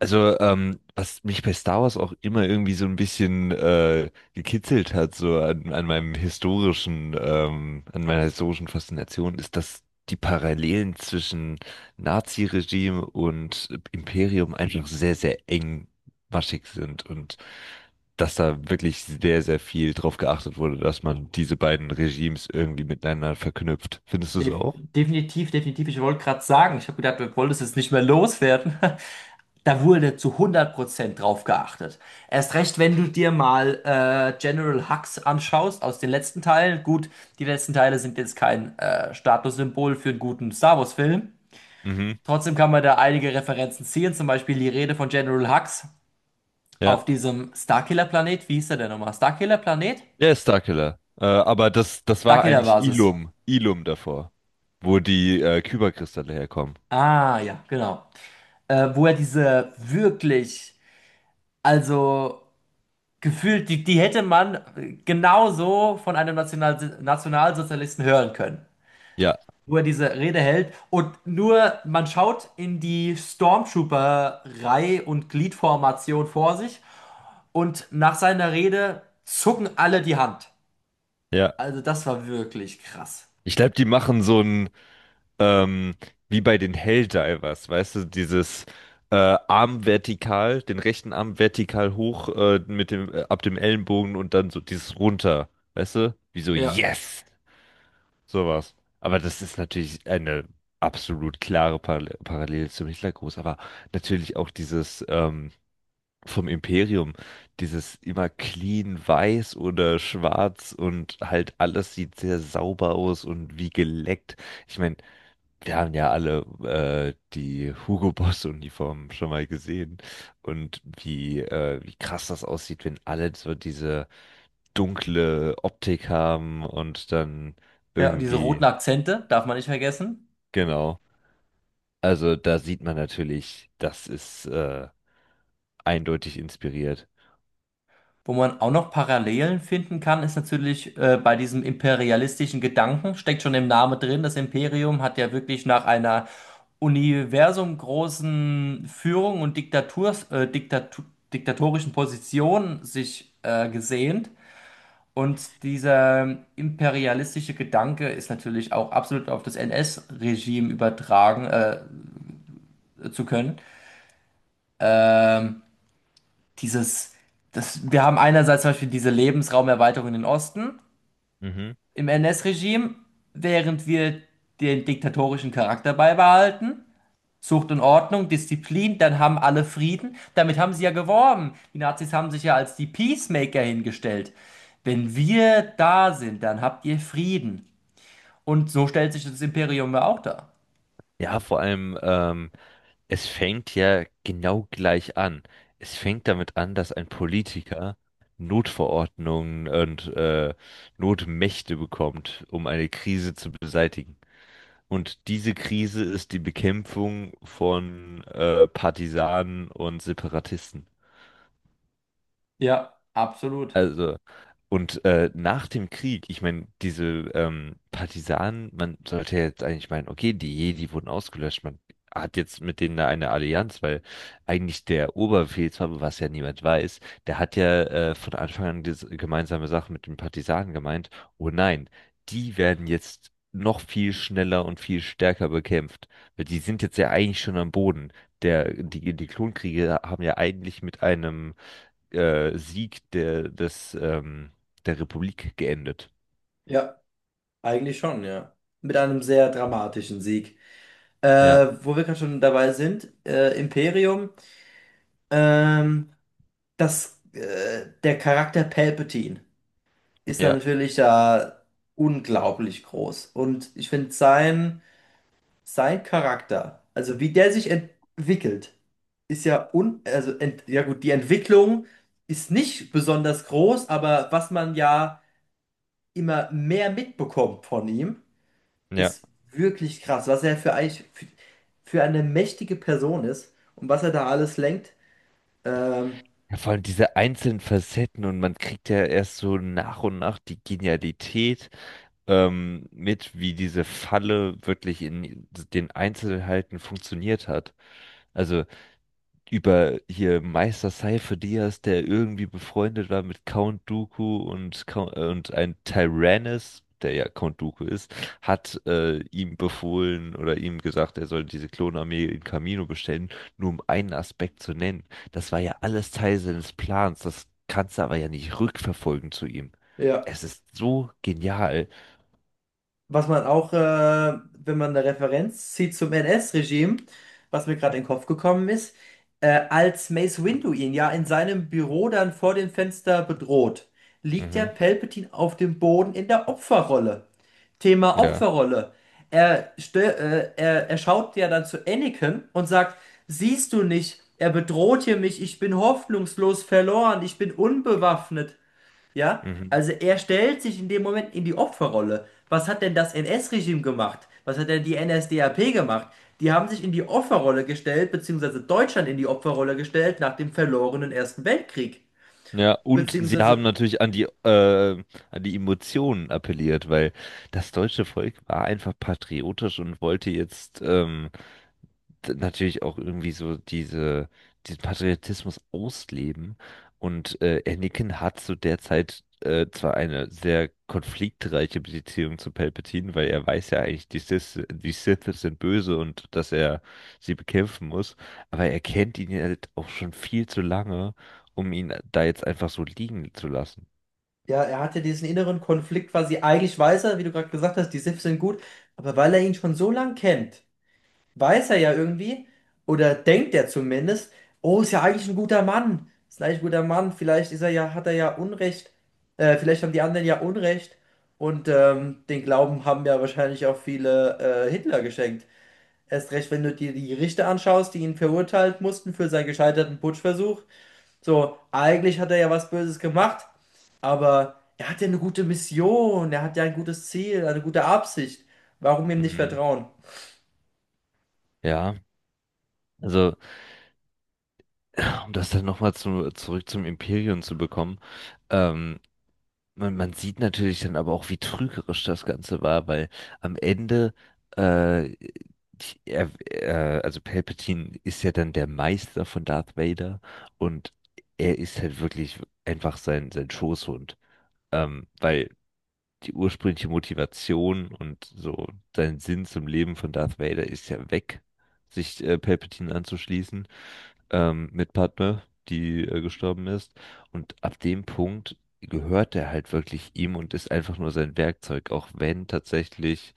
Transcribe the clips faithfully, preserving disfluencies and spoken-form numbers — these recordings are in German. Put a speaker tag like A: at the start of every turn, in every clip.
A: Also, ähm, was mich bei Star Wars auch immer irgendwie so ein bisschen äh, gekitzelt hat, so an, an meinem historischen, ähm, an meiner historischen Faszination, ist, dass die Parallelen zwischen Nazi-Regime und Imperium einfach sehr, sehr engmaschig sind und dass da wirklich sehr, sehr viel drauf geachtet wurde, dass man diese beiden Regimes irgendwie miteinander verknüpft. Findest du es
B: Def
A: auch?
B: definitiv, definitiv. Ich wollte gerade sagen, ich habe gedacht, wir wollten es jetzt nicht mehr loswerden. Da wurde zu hundert Prozent drauf geachtet. Erst recht, wenn du dir mal äh, General Hux anschaust aus den letzten Teilen. Gut, die letzten Teile sind jetzt kein äh, Statussymbol für einen guten Star Wars-Film.
A: Mhm.
B: Trotzdem kann man da einige Referenzen ziehen, zum Beispiel die Rede von General Hux
A: Ja.
B: auf diesem Starkiller-Planet. Wie hieß der denn nochmal? Starkiller-Planet?
A: Ja, Starkiller. Äh, aber das, das war eigentlich
B: Starkiller-Basis.
A: Ilum, Ilum davor, wo die äh, Kyberkristalle herkommen.
B: Ah, ja, genau. Äh, wo er diese wirklich, also gefühlt, die, die hätte man genauso von einem National Nationalsozialisten hören können,
A: Ja,
B: wo er diese Rede hält. Und nur man schaut in die Stormtrooper-Reihe und Gliedformation vor sich, und nach seiner Rede zucken alle die Hand.
A: ja.
B: Also das war wirklich krass.
A: Ich glaube, die machen so ein, ähm, wie bei den Helldivers, weißt du, dieses äh, Arm vertikal, den rechten Arm vertikal hoch äh, mit dem, äh, ab dem Ellenbogen und dann so dieses runter, weißt du? Wie so,
B: Ja.
A: yes! Sowas. Aber das ist natürlich eine absolut klare Parallel Parallele zum Hitlergruß, aber natürlich auch dieses, ähm, vom Imperium. Dieses immer clean weiß oder schwarz und halt alles sieht sehr sauber aus und wie geleckt. Ich meine, wir haben ja alle äh, die Hugo Boss Uniformen schon mal gesehen und wie, äh, wie krass das aussieht, wenn alle so diese dunkle Optik haben und dann
B: Ja, und diese roten
A: irgendwie,
B: Akzente darf man nicht vergessen.
A: genau. Also da sieht man natürlich, das ist äh, eindeutig inspiriert.
B: Wo man auch noch Parallelen finden kann, ist natürlich äh, bei diesem imperialistischen Gedanken, steckt schon im Namen drin. Das Imperium hat ja wirklich nach einer universumgroßen Führung und Diktaturs, äh, Diktatu diktatorischen Position sich äh, gesehnt. Und dieser imperialistische Gedanke ist natürlich auch absolut auf das N S-Regime übertragen äh, zu können. Ähm, Dieses, das, Wir haben einerseits zum Beispiel diese Lebensraumerweiterung in den Osten,
A: Mhm.
B: im N S-Regime, während wir den diktatorischen Charakter beibehalten. Zucht und Ordnung, Disziplin, dann haben alle Frieden. Damit haben sie ja geworben. Die Nazis haben sich ja als die Peacemaker hingestellt. Wenn wir da sind, dann habt ihr Frieden. Und so stellt sich das Imperium ja auch dar.
A: Ja, vor allem, ähm, es fängt ja genau gleich an. Es fängt damit an, dass ein Politiker Notverordnungen und äh, Notmächte bekommt, um eine Krise zu beseitigen. Und diese Krise ist die Bekämpfung von äh, Partisanen und Separatisten.
B: Ja, absolut.
A: Also, und äh, nach dem Krieg, ich meine, diese ähm, Partisanen, man sollte ja jetzt eigentlich meinen, okay, die Jedi wurden ausgelöscht, man hat jetzt mit denen da eine Allianz, weil eigentlich der Oberbefehlshaber, was ja niemand weiß, der hat ja äh, von Anfang an diese gemeinsame Sache mit den Partisanen gemeint, oh nein, die werden jetzt noch viel schneller und viel stärker bekämpft, weil die sind jetzt ja eigentlich schon am Boden. Der, die, die Klonkriege haben ja eigentlich mit einem äh, Sieg der, des, ähm, der Republik geendet.
B: Ja, eigentlich schon, ja. Mit einem sehr dramatischen Sieg. Äh,
A: Ja,
B: wo wir gerade schon dabei sind, äh, Imperium. Ähm, das, äh, der Charakter Palpatine ist
A: ja,
B: natürlich da unglaublich groß. Und ich finde sein, sein Charakter, also wie der sich entwickelt, ist ja un, also ent, ja gut, die Entwicklung ist nicht besonders groß, aber was man ja immer mehr mitbekommt von ihm,
A: ja.
B: ist wirklich krass, was er für, eigentlich für, für eine mächtige Person ist und was er da alles lenkt. Ähm,
A: Ja, vor allem diese einzelnen Facetten und man kriegt ja erst so nach und nach die Genialität ähm, mit, wie diese Falle wirklich in den Einzelheiten funktioniert hat. Also über hier Meister Seife Diaz, der irgendwie befreundet war mit Count Dooku und, Count- äh, und ein Tyrannis, der ja Count Dooku ist, hat äh, ihm befohlen oder ihm gesagt, er soll diese Klonarmee in Kamino bestellen, nur um einen Aspekt zu nennen. Das war ja alles Teil seines Plans, das kannst du aber ja nicht rückverfolgen zu ihm.
B: ja.
A: Es ist so genial.
B: Was man auch, äh, wenn man eine Referenz zieht zum N S-Regime, was mir gerade in den Kopf gekommen ist, äh, als Mace Windu ihn ja in seinem Büro dann vor dem Fenster bedroht, liegt ja
A: Mhm.
B: Palpatine auf dem Boden in der Opferrolle. Thema
A: Ja.
B: Opferrolle. Er, stö äh, er, er schaut ja dann zu Anakin und sagt, siehst du nicht, er bedroht hier mich, ich bin hoffnungslos verloren, ich bin unbewaffnet. Ja,
A: Mhm.
B: also er stellt sich in dem Moment in die Opferrolle. Was hat denn das N S-Regime gemacht? Was hat denn die N S D A P gemacht? Die haben sich in die Opferrolle gestellt, beziehungsweise Deutschland in die Opferrolle gestellt nach dem verlorenen Ersten Weltkrieg.
A: Ja, und sie haben
B: Beziehungsweise,
A: natürlich an die, äh, an die Emotionen appelliert, weil das deutsche Volk war einfach patriotisch und wollte jetzt ähm, d- natürlich auch irgendwie so diese, diesen Patriotismus ausleben. Und äh, Anakin hat zu der Zeit äh, zwar eine sehr konfliktreiche Beziehung zu Palpatine, weil er weiß ja eigentlich, die Sith, die Sith sind böse und dass er sie bekämpfen muss, aber er kennt ihn ja halt auch schon viel zu lange, um ihn da jetzt einfach so liegen zu lassen.
B: ja, er hatte diesen inneren Konflikt quasi. Eigentlich weiß er, wie du gerade gesagt hast, die SIFs sind gut, aber weil er ihn schon so lang kennt, weiß er ja irgendwie, oder denkt er zumindest, oh, ist ja eigentlich ein guter Mann, ist ein eigentlich ein guter Mann, vielleicht ist er ja, hat er ja Unrecht, äh, vielleicht haben die anderen ja Unrecht, und ähm, den Glauben haben ja wahrscheinlich auch viele äh, Hitler geschenkt. Erst recht, wenn du dir die Richter anschaust, die ihn verurteilt mussten für seinen gescheiterten Putschversuch. So, eigentlich hat er ja was Böses gemacht, aber er hat ja eine gute Mission, er hat ja ein gutes Ziel, eine gute Absicht. Warum ihm nicht
A: Mhm.
B: vertrauen?
A: Ja, also um das dann nochmal zu, zurück zum Imperium zu bekommen, ähm, man, man sieht natürlich dann aber auch, wie trügerisch das Ganze war, weil am Ende, äh, ich- er, äh, also Palpatine ist ja dann der Meister von Darth Vader und er ist halt wirklich einfach sein, sein Schoßhund, ähm, weil die ursprüngliche Motivation und so sein Sinn zum Leben von Darth Vader ist ja weg, sich äh, Palpatine anzuschließen, ähm, Mitpartner, die äh, gestorben ist. Und ab dem Punkt gehört er halt wirklich ihm und ist einfach nur sein Werkzeug, auch wenn tatsächlich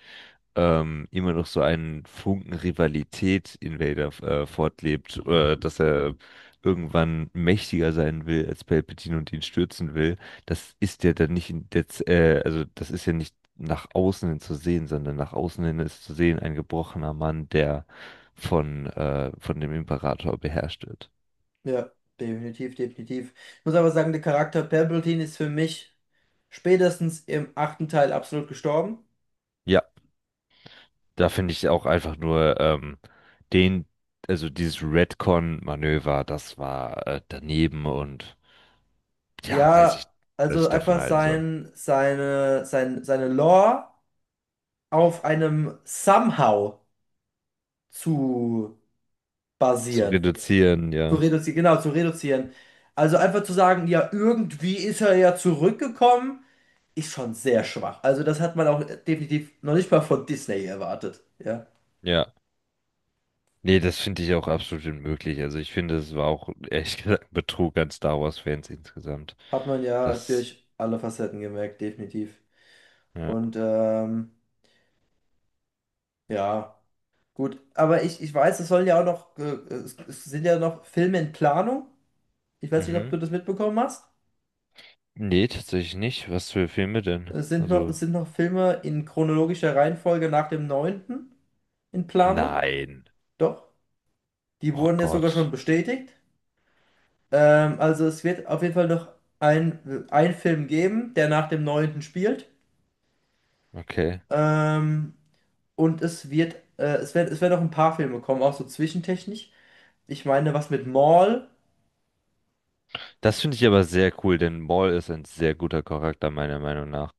A: ähm, immer noch so ein Funken Rivalität in Vader äh, fortlebt, äh, dass er irgendwann mächtiger sein will als Palpatine und ihn stürzen will. Das ist ja dann nicht in der, Z- äh, also das ist ja nicht nach außen hin zu sehen, sondern nach außen hin ist zu sehen ein gebrochener Mann, der von, äh, von dem Imperator beherrscht wird.
B: Ja, definitiv, definitiv. Ich muss aber sagen, der Charakter Palpatine ist für mich spätestens im achten Teil absolut gestorben.
A: Ja, da finde ich auch einfach nur ähm, den, also dieses Redcon-Manöver, das war äh, daneben und ja, weiß ich,
B: Ja,
A: was
B: also
A: ich davon
B: einfach
A: halten soll.
B: sein, seine, sein, seine Lore auf einem Somehow zu
A: Zu
B: basieren.
A: reduzieren,
B: Zu
A: ja.
B: reduzieren, genau, zu reduzieren. Also einfach zu sagen, ja, irgendwie ist er ja zurückgekommen, ist schon sehr schwach. Also das hat man auch definitiv noch nicht mal von Disney erwartet. Ja,
A: Ja. Nee, das finde ich auch absolut unmöglich. Also ich finde, es war auch ehrlich gesagt ein Betrug an Star Wars-Fans insgesamt.
B: hat man ja
A: Das,
B: durch alle Facetten gemerkt, definitiv.
A: ja.
B: Und ähm, ja, gut. Aber ich, ich weiß, es sollen ja auch noch, äh, es, es sind ja noch Filme in Planung. Ich weiß nicht, ob
A: Mhm.
B: du das mitbekommen hast.
A: Nee, tatsächlich nicht. Was für Filme denn?
B: Es sind noch, es
A: Also,
B: sind noch Filme in chronologischer Reihenfolge nach dem neunten in Planung.
A: nein.
B: Doch, die
A: Oh
B: wurden jetzt sogar schon
A: Gott.
B: bestätigt. Ähm, also es wird auf jeden Fall noch ein, ein Film geben, der nach dem neunten spielt.
A: Okay.
B: Ähm, und es wird, äh, es werden, es werden noch ein paar Filme kommen, auch so zwischentechnisch. Ich meine, was mit Maul.
A: Das finde ich aber sehr cool, denn Maul ist ein sehr guter Charakter, meiner Meinung nach.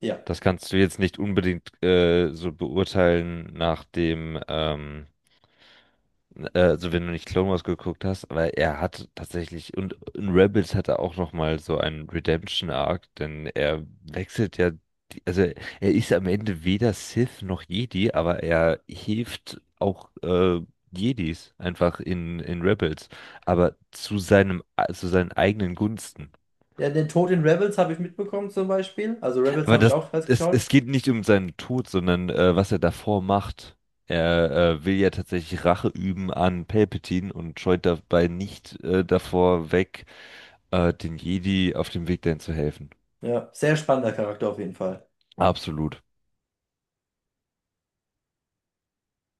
B: Ja.
A: Das kannst du jetzt nicht unbedingt äh, so beurteilen nach dem, ähm, äh, also wenn du nicht Clone Wars geguckt hast, aber er hat tatsächlich, und in Rebels hat er auch nochmal so einen Redemption-Arc, denn er wechselt ja, die- also er ist am Ende weder Sith noch Jedi, aber er hilft auch äh, Jedis einfach in, in Rebels, aber zu seinem, zu seinen eigenen Gunsten.
B: Ja, den Tod in Rebels habe ich mitbekommen zum Beispiel. Also Rebels
A: Aber
B: habe ich
A: das,
B: auch fast
A: es,
B: geschaut.
A: es geht nicht um seinen Tod, sondern äh, was er davor macht. Er äh, will ja tatsächlich Rache üben an Palpatine und scheut dabei nicht äh, davor weg, äh, den Jedi auf dem Weg dahin zu helfen.
B: Ja, sehr spannender Charakter auf jeden Fall.
A: Absolut.